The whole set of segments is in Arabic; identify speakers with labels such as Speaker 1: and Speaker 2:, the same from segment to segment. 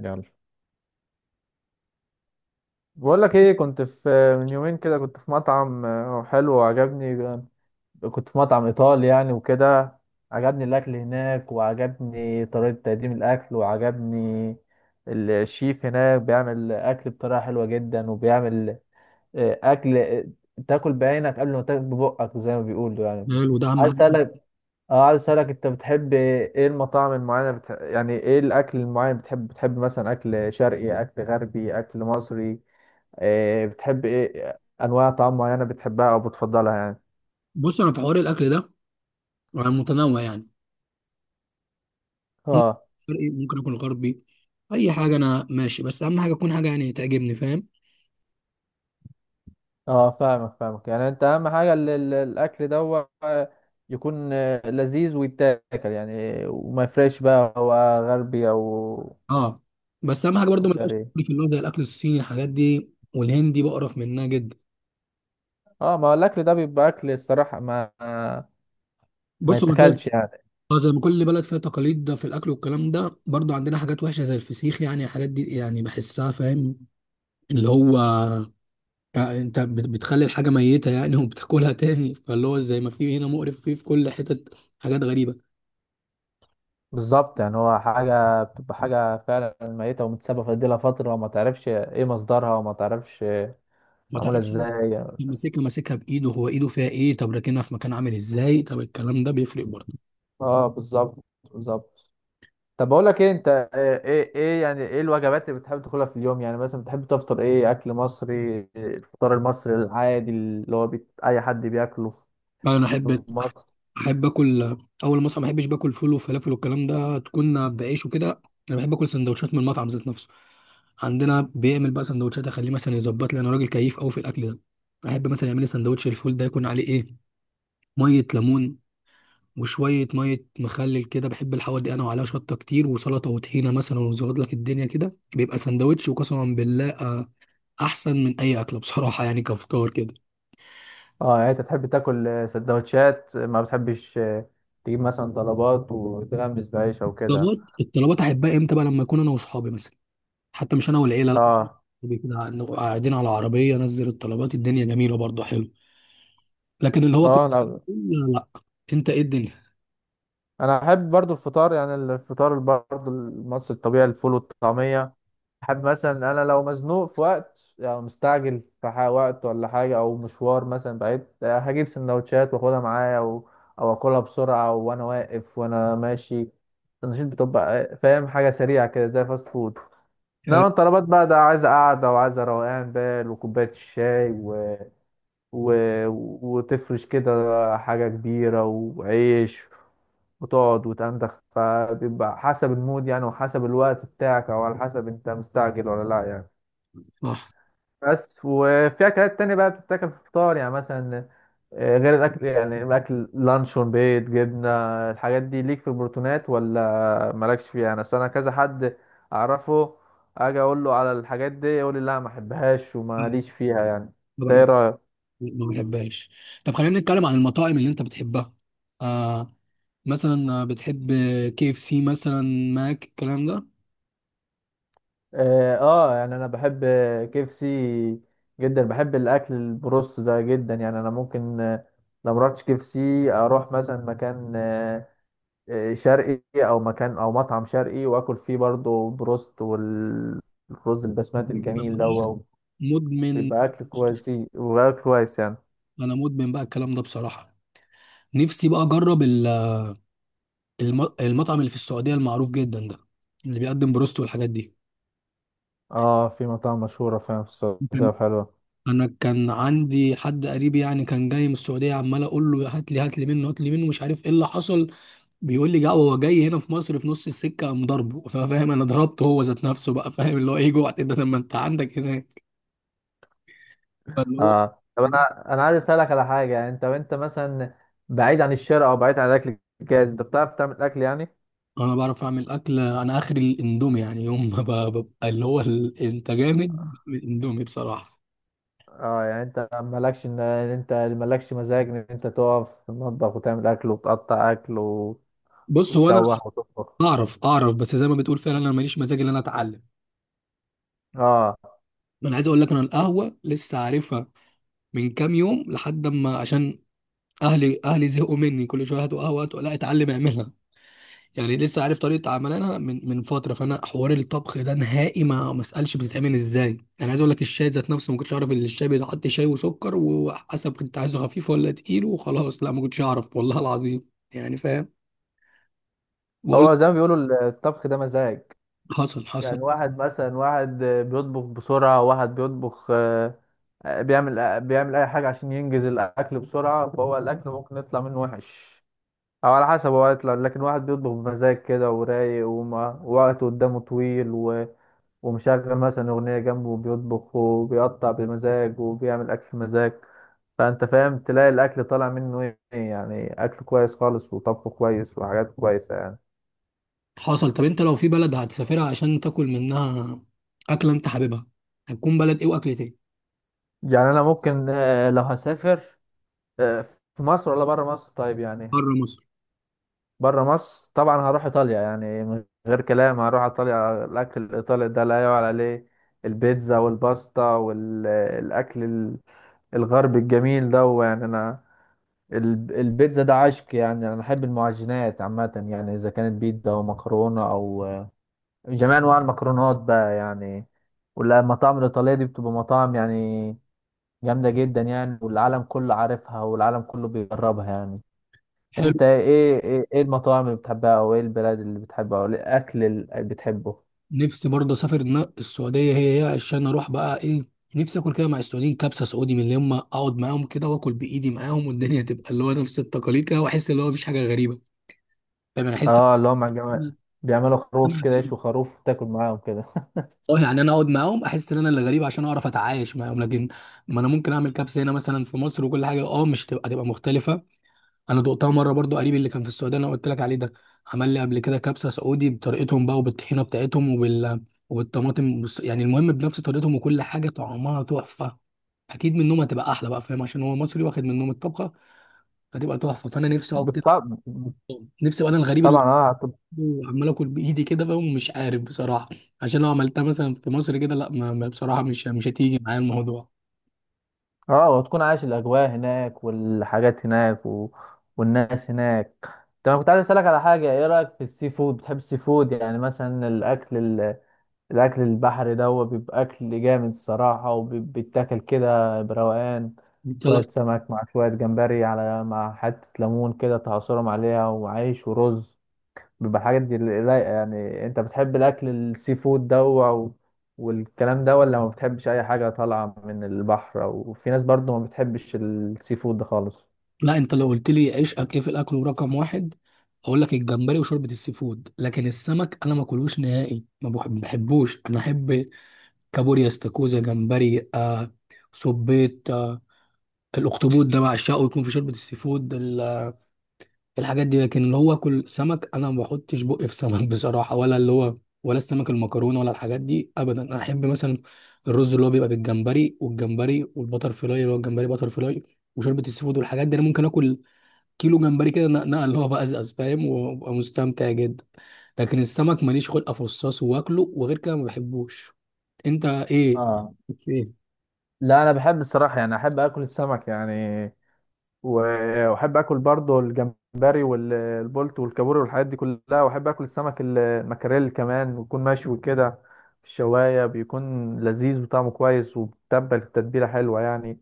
Speaker 1: يلا، بقول لك ايه. كنت في من يومين كده كنت في مطعم حلو وعجبني. كنت في مطعم ايطالي يعني وكده. عجبني الاكل هناك، وعجبني طريقة تقديم الاكل، وعجبني الشيف هناك بيعمل اكل بطريقة حلوة جدا، وبيعمل اكل تاكل بعينك قبل ما تاكل ببقك زي ما بيقولوا يعني.
Speaker 2: حلو، ده اهم
Speaker 1: عايز
Speaker 2: حاجه.
Speaker 1: اسالك اه عايز اسالك، انت بتحب ايه المطاعم المعينة؟ يعني ايه الاكل المعين بتحب بتحب مثلا اكل شرقي، اكل غربي، اكل مصري؟ بتحب ايه انواع طعام معينه بتحبها او بتفضلها يعني؟
Speaker 2: بص، انا في حوار الاكل ده انا متنوع يعني. ممكن
Speaker 1: اه،
Speaker 2: شرقي، ممكن اكل غربي. اي حاجه انا ماشي، بس اهم حاجه تكون حاجه يعني تعجبني، فاهم؟
Speaker 1: اه، فاهمك. يعني انت اهم حاجه الاكل ده يكون لذيذ ويتاكل يعني، وما يفرقش بقى هو غربي
Speaker 2: اه، بس اهم حاجه
Speaker 1: او
Speaker 2: برضو ما يبقاش
Speaker 1: شرقي.
Speaker 2: في اللي هو زي الاكل الصيني، الحاجات دي والهندي، بقرف منها جدا.
Speaker 1: اه، ما هو الاكل ده بيبقى اكل الصراحه ما
Speaker 2: بص هو زي
Speaker 1: يتاكلش يعني.
Speaker 2: اه، زي ما كل بلد فيها تقاليد ده في الاكل والكلام ده، برضو عندنا حاجات وحشه زي الفسيخ يعني، الحاجات دي يعني بحسها، فاهم؟ اللي هو يعني انت بتخلي الحاجه ميته يعني وبتاكلها تاني، فاللي هو زي ما في هنا مقرف فيه في كل حتة حاجات غريبه.
Speaker 1: بالظبط، يعني هو حاجه بتبقى حاجه فعلا ميته ومتسابه في لها فتره، وما تعرفش ايه مصدرها، وما تعرفش
Speaker 2: ما
Speaker 1: معموله
Speaker 2: تعرفش لما
Speaker 1: ازاي يعني.
Speaker 2: ماسكها ماسكها بايده، هو ايده فيها ايه؟ طب راكنها في مكان عامل ازاي؟ طب الكلام ده بيفرق برضه.
Speaker 1: اه، بالظبط، بالظبط. طب بقول لك ايه، انت ايه يعني ايه الوجبات اللي بتحب تاكلها في اليوم؟ يعني مثلا بتحب تفطر ايه؟ اكل مصري؟ إيه الفطار المصري العادي اللي هو اي حد بياكله
Speaker 2: يعني انا
Speaker 1: في
Speaker 2: احب
Speaker 1: مصر؟
Speaker 2: اكل، اول ما اصحى ما احبش باكل فول وفلافل والكلام ده، تكون بعيش وكده. انا بحب اكل سندوتشات من المطعم ذات نفسه. عندنا بيعمل بقى سندوتشات اخليه مثلا يظبط لي، انا راجل كيف قوي في الاكل ده. احب مثلا يعمل لي سندوتش الفول ده يكون عليه ايه، ميه ليمون وشويه ميه مخلل كده، بحب الحوار دي انا، وعليها شطه كتير وسلطه وطحينه مثلا، ويظبط لك الدنيا كده. بيبقى سندوتش وقسما بالله احسن من اي اكله بصراحه يعني، كافكار كده.
Speaker 1: اه، يعني انت تحب تاكل سندوتشات، ما بتحبش تجيب مثلا طلبات وتغمس بعيش او كده؟
Speaker 2: الطلبات، احبها امتى بقى؟ لما اكون انا واصحابي مثلا، حتى مش انا والعيله، لا.
Speaker 1: اه،
Speaker 2: كده نبقى قاعدين على عربيه، نزل الطلبات، الدنيا جميله برضه، حلو. لكن اللي هو كل،
Speaker 1: اه.
Speaker 2: لا لا، انت ايه الدنيا؟
Speaker 1: انا احب برضو الفطار، يعني الفطار برضو المصري الطبيعي، الفول والطعمية. حابب مثلا انا لو مزنوق في وقت، يعني مستعجل في وقت ولا حاجه، او مشوار مثلا بعيد، هجيب سندوتشات واخدها معايا، او اكلها بسرعه وانا واقف وانا ماشي. النشيد بتبقى فاهم، حاجه سريعه كده زي فاست فود.
Speaker 2: حلو.
Speaker 1: انما الطلبات بقى ده عايزه قعده وعايزه روقان بال وكوبايه الشاي و... وتفرش كده حاجه كبيره وعيش، وتقعد وتندخ. فبيبقى حسب المود يعني، وحسب الوقت بتاعك، او على حسب انت مستعجل ولا لا يعني.
Speaker 2: صح.
Speaker 1: بس وفي اكلات تانية بقى بتتاكل في الفطار يعني، مثلا غير الاكل، يعني الاكل لانشون، بيض، جبنه. الحاجات دي ليك في البروتينات ولا مالكش فيها؟ انا أصل انا كذا حد اعرفه اجي اقول له على الحاجات دي يقول لي لا، ما احبهاش وماليش فيها يعني. انت
Speaker 2: ما
Speaker 1: ايه
Speaker 2: بحب-
Speaker 1: رايك؟
Speaker 2: ما بحبهاش. طب خلينا نتكلم عن المطاعم اللي انت بتحبها. آه، مثلا بتحب كي اف سي مثلا، ماك، الكلام ده.
Speaker 1: اه، يعني انا بحب كيفسي جدا، بحب الاكل البروست ده جدا يعني. انا ممكن لو مرحتش كيفسي اروح مثلا مكان شرقي، او مكان او مطعم شرقي واكل فيه برضو بروست والرز البسمتي الجميل ده
Speaker 2: مدمن،
Speaker 1: ويبقى اكل كويس يعني.
Speaker 2: انا مدمن بقى الكلام ده بصراحه. نفسي بقى اجرب المطعم اللي في السعوديه المعروف جدا ده، اللي بيقدم بروست والحاجات دي.
Speaker 1: اه، في مطاعم مشهوره فعلا في السعوديه
Speaker 2: كان
Speaker 1: وحلوه.
Speaker 2: انا كان عندي حد قريب يعني، كان جاي من السعوديه، عمال اقول له هات لي، هات لي منه، هات لي منه، مش عارف ايه اللي حصل. بيقول لي جا، هو جاي هنا في مصر في نص السكه قام ضربه، فاهم؟ انا ضربته هو ذات نفسه بقى، فاهم؟ اللي هو ايه جوعت ده لما انت عندك هناك، فاللي هو.
Speaker 1: اه، طب انا عايز اسالك على حاجه، يعني انت وانت مثلا بعيد عن الشارع او بعيد عن الاكل الجاهز، انت بتعرف تعمل اكل يعني؟
Speaker 2: انا بعرف اعمل اكل، انا اخري الاندومي يعني. يوم ما ب- ببقى اللي هو ال- انت جامد الاندومي بصراحه.
Speaker 1: اه، يعني انت مالكش إن انت مالكش مزاج ان انت تقف في المطبخ وتعمل اكل وتقطع اكل
Speaker 2: بص هو انا
Speaker 1: وتشوح وتطبخ؟
Speaker 2: اعرف، اعرف، بس زي ما بتقول فعلا انا ماليش مزاج ان انا اتعلم.
Speaker 1: اه،
Speaker 2: انا عايز اقول لك، انا القهوه لسه عارفها من كام يوم، لحد ما عشان اهلي زهقوا مني، كل شويه هاتوا قهوه هاتوا، لا اتعلم اعملها يعني. لسه عارف طريقه عملها من فتره. فانا حوار الطبخ ده نهائي ما اسالش بتتعمل ازاي. انا عايز اقول لك الشاي ذات نفسه ما كنتش اعرف ان الشاي بيتحط شاي وسكر وحسب، كنت عايزه خفيف ولا تقيل وخلاص، لا ما كنتش اعرف، والله العظيم يعني، فاهم؟ بقول،
Speaker 1: هو زي ما بيقولوا الطبخ ده مزاج
Speaker 2: حصل حصل
Speaker 1: يعني. واحد مثلا واحد بيطبخ بسرعة، واحد بيطبخ بيعمل أي حاجة عشان ينجز الأكل بسرعة، فهو الأكل ممكن يطلع منه وحش، أو على حسب، هو يطلع. لكن واحد بيطبخ بمزاج كده ورايق، ووقته قدامه طويل ومشغل مثلا أغنية جنبه، وبيطبخ وبيقطع بمزاج وبيعمل أكل بمزاج. فأنت فاهم، تلاقي الأكل طالع منه إيه؟ يعني أكل كويس خالص، وطبخه كويس، وحاجات كويسة يعني.
Speaker 2: حصل. طب انت لو في بلد هتسافرها عشان تاكل منها اكله انت حاببها، هتكون بلد ايه واكلة ايه؟
Speaker 1: يعني انا ممكن لو هسافر آه، في مصر ولا بره مصر، طيب يعني.
Speaker 2: بره مصر،
Speaker 1: بره مصر طبعا هروح ايطاليا، يعني من غير كلام هروح ايطاليا. الاكل الايطالي ده لا يعلى عليه، البيتزا والباستا والاكل الغربي الجميل ده يعني. انا البيتزا ده عشق يعني، انا بحب المعجنات عامه يعني، اذا كانت بيتزا او مكرونه او جميع انواع المكرونات بقى يعني. والمطاعم الايطاليه دي بتبقى مطاعم يعني جامدة جدا يعني، والعالم كله عارفها والعالم كله بيجربها يعني.
Speaker 2: حلو.
Speaker 1: انت إيه المطاعم اللي بتحبها، او ايه البلاد اللي بتحبها، او إيه الاكل اللي بتحبه؟
Speaker 2: نفسي برضه اسافر دماغ السعوديه هي عشان اروح بقى ايه، نفسي اكل كده مع السعوديين كبسه سعودي، من اللي هم اقعد معاهم كده واكل بايدي معاهم، والدنيا تبقى اللي هو نفس التقاليد كده، واحس اللي هو مفيش حاجه غريبه. فانا احس إن
Speaker 1: اه، اللي هم جماعة
Speaker 2: انا
Speaker 1: بيعملوا
Speaker 2: أنا
Speaker 1: خروف كده
Speaker 2: غريب.
Speaker 1: يشوا خروف وتاكل معاهم كده.
Speaker 2: اه، يعني انا اقعد معاهم احس ان انا اللي غريب، عشان اعرف اتعايش معاهم. لكن ما انا ممكن اعمل كبسه هنا مثلا في مصر وكل حاجه، اه مش تبقى مختلفه. انا دقتها مره برضو، قريب اللي كان في السعوديه انا قلت لك عليه ده، عمل لي قبل كده كبسه سعودي بطريقتهم بقى، وبالطحينه بتاعتهم، وبال وبالطماطم بص يعني، المهم بنفس طريقتهم وكل حاجه طعمها تحفه. اكيد منهم هتبقى احلى بقى، فاهم؟ عشان هو مصري واخد منهم الطبخه، هتبقى تحفه. فانا نفسي اقعد كده،
Speaker 1: بالطبع،
Speaker 2: نفسي ابقى انا الغريب
Speaker 1: طبعا.
Speaker 2: اللي عمال اكل بايدي كده بقى ومش عارف بصراحه. عشان لو عملتها مثلا في مصر كده لا، بصراحه مش هتيجي معايا الموضوع.
Speaker 1: اه، وتكون عايش الاجواء هناك والحاجات هناك والناس هناك. طب انا كنت عايز اسالك على حاجه، ايه رايك في السي فود؟ بتحب السي فود؟ يعني مثلا الاكل، الاكل البحري ده هو بيبقى اكل جامد الصراحه، وبيتاكل كده بروقان،
Speaker 2: انت؟
Speaker 1: شويه سمك مع شويه جمبري على مع حته ليمون كده تعصرهم عليها وعيش ورز. بيبقى الحاجات دي رايقه يعني. انت بتحب الاكل السي فود ده والكلام ده، ولا ما بتحبش اي حاجه طالعه من البحر؟ وفي ناس برضو ما بتحبش السي فود ده خالص.
Speaker 2: لا، انت لو قلت لي عشقك ايه في الاكل ورقم واحد، هقول لك الجمبري وشوربه السي فود. لكن السمك انا ما اكلوش نهائي، ما بحبوش. انا احب كابوريا، استاكوزا، جمبري آه، صبيط آه، الاخطبوط ده بعشقه يكون في شوربه السي فود، الحاجات دي. لكن اللي هو اكل سمك انا ما بحطش بقي في سمك بصراحه، ولا اللي هو، ولا السمك المكرونه، ولا الحاجات دي ابدا. انا احب مثلا الرز اللي هو بيبقى بالجمبري، والجمبري والبتر فلاي، اللي هو الجمبري بتر فلاي، وشوربه السي فود والحاجات دي، انا ممكن اكل كيلو جمبري كده نقل هو بقى ازاز، فاهم؟ وابقى مستمتع جدا. لكن السمك ماليش خلق افصصه واكله، وغير كده ما بحبوش. انت ايه،
Speaker 1: اه،
Speaker 2: ايه؟
Speaker 1: لا، انا بحب الصراحه يعني، احب اكل السمك يعني. واحب اكل برضه الجمبري والبولت والكابوري والحاجات دي كلها، واحب اكل السمك المكاريل كمان، ويكون مشوي كده في الشوايه. بيكون لذيذ وطعمه كويس، وبتبل التتبيله حلوه يعني.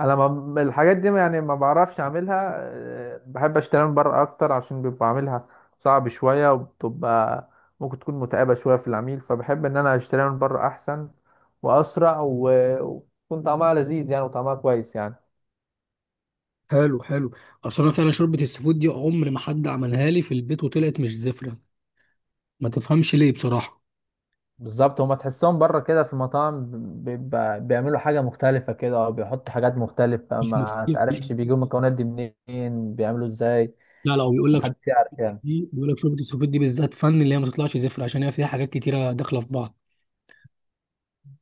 Speaker 1: انا ما الحاجات دي يعني ما بعرفش اعملها، بحب اشتريها من بره اكتر، عشان بيبقى عاملها صعب شويه، وبتبقى ممكن تكون متعبه شويه في العميل. فبحب ان انا اشتريها من بره احسن واسرع، ويكون طعمها لذيذ يعني، وطعمها كويس يعني.
Speaker 2: حلو، حلو. اصل انا فعلا شوربه السفود دي عمر ما حد عملها لي في البيت وطلعت مش زفره، ما تفهمش ليه بصراحه.
Speaker 1: بالظبط، هما تحسهم بره كده في المطاعم بيبقى بيعملوا حاجة مختلفة كده، أو بيحطوا حاجات مختلفة،
Speaker 2: مش
Speaker 1: ما
Speaker 2: مشكلة.
Speaker 1: تعرفش بيجيبوا المكونات دي منين، بيعملوا ازاي.
Speaker 2: لا لا، هو بيقول لك شوربة
Speaker 1: محدش يعرف يعني.
Speaker 2: دي، بيقول لك شوربه السفود دي بالذات فن، اللي هي ما تطلعش زفره عشان هي فيها حاجات كتيره داخله في بعض.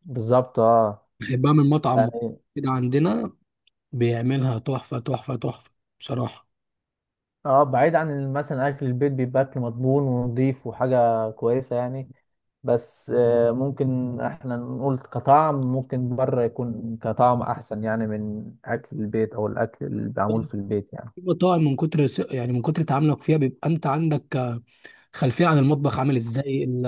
Speaker 1: بالظبط. اه،
Speaker 2: بحبها من مطعم
Speaker 1: يعني
Speaker 2: كده عندنا، بيعملها تحفه تحفه تحفه بصراحه.
Speaker 1: اه بعيد عن مثلا أكل البيت، بيبقى أكل مضمون ونضيف وحاجة كويسة يعني. بس ممكن احنا نقول كطعم، ممكن بره يكون كطعم أحسن يعني من أكل البيت أو الأكل اللي معمول في البيت يعني.
Speaker 2: في مطاعم من كتر س- يعني من كتر تعاملك فيها بيبقى انت عندك خلفيه عن المطبخ عامل ازاي،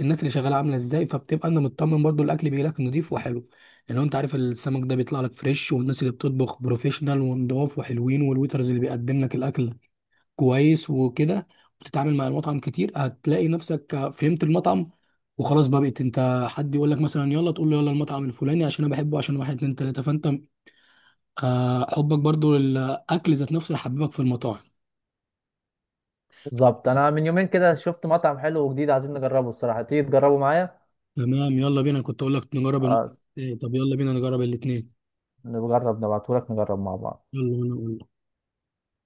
Speaker 2: الناس اللي شغاله عامله ازاي، فبتبقى انت مطمن برضو الاكل بيجي لك نضيف وحلو يعني. انت عارف السمك ده بيطلع لك فريش، والناس اللي بتطبخ بروفيشنال ونضاف وحلوين، والويترز اللي بيقدم لك الاكل كويس وكده. بتتعامل مع المطعم كتير، هتلاقي نفسك فهمت المطعم، وخلاص بقى، بقيت انت حد يقول لك مثلا يلا، تقول له يلا المطعم الفلاني عشان انا بحبه عشان واحد اتنين تلاته. فانت حبك برضو للاكل ذات نفسه يحببك في المطاعم.
Speaker 1: بالظبط، انا من يومين كده شفت مطعم حلو وجديد، عايزين نجربه الصراحه. تيجي تجربه معايا؟
Speaker 2: تمام يلا بينا، كنت اقول لك نجرب الم...
Speaker 1: آه،
Speaker 2: إيه، طب يلا بينا نجرب الاثنين.
Speaker 1: نجرب، نبعتهولك نجرب مع بعض.
Speaker 2: يلا، وانا اقول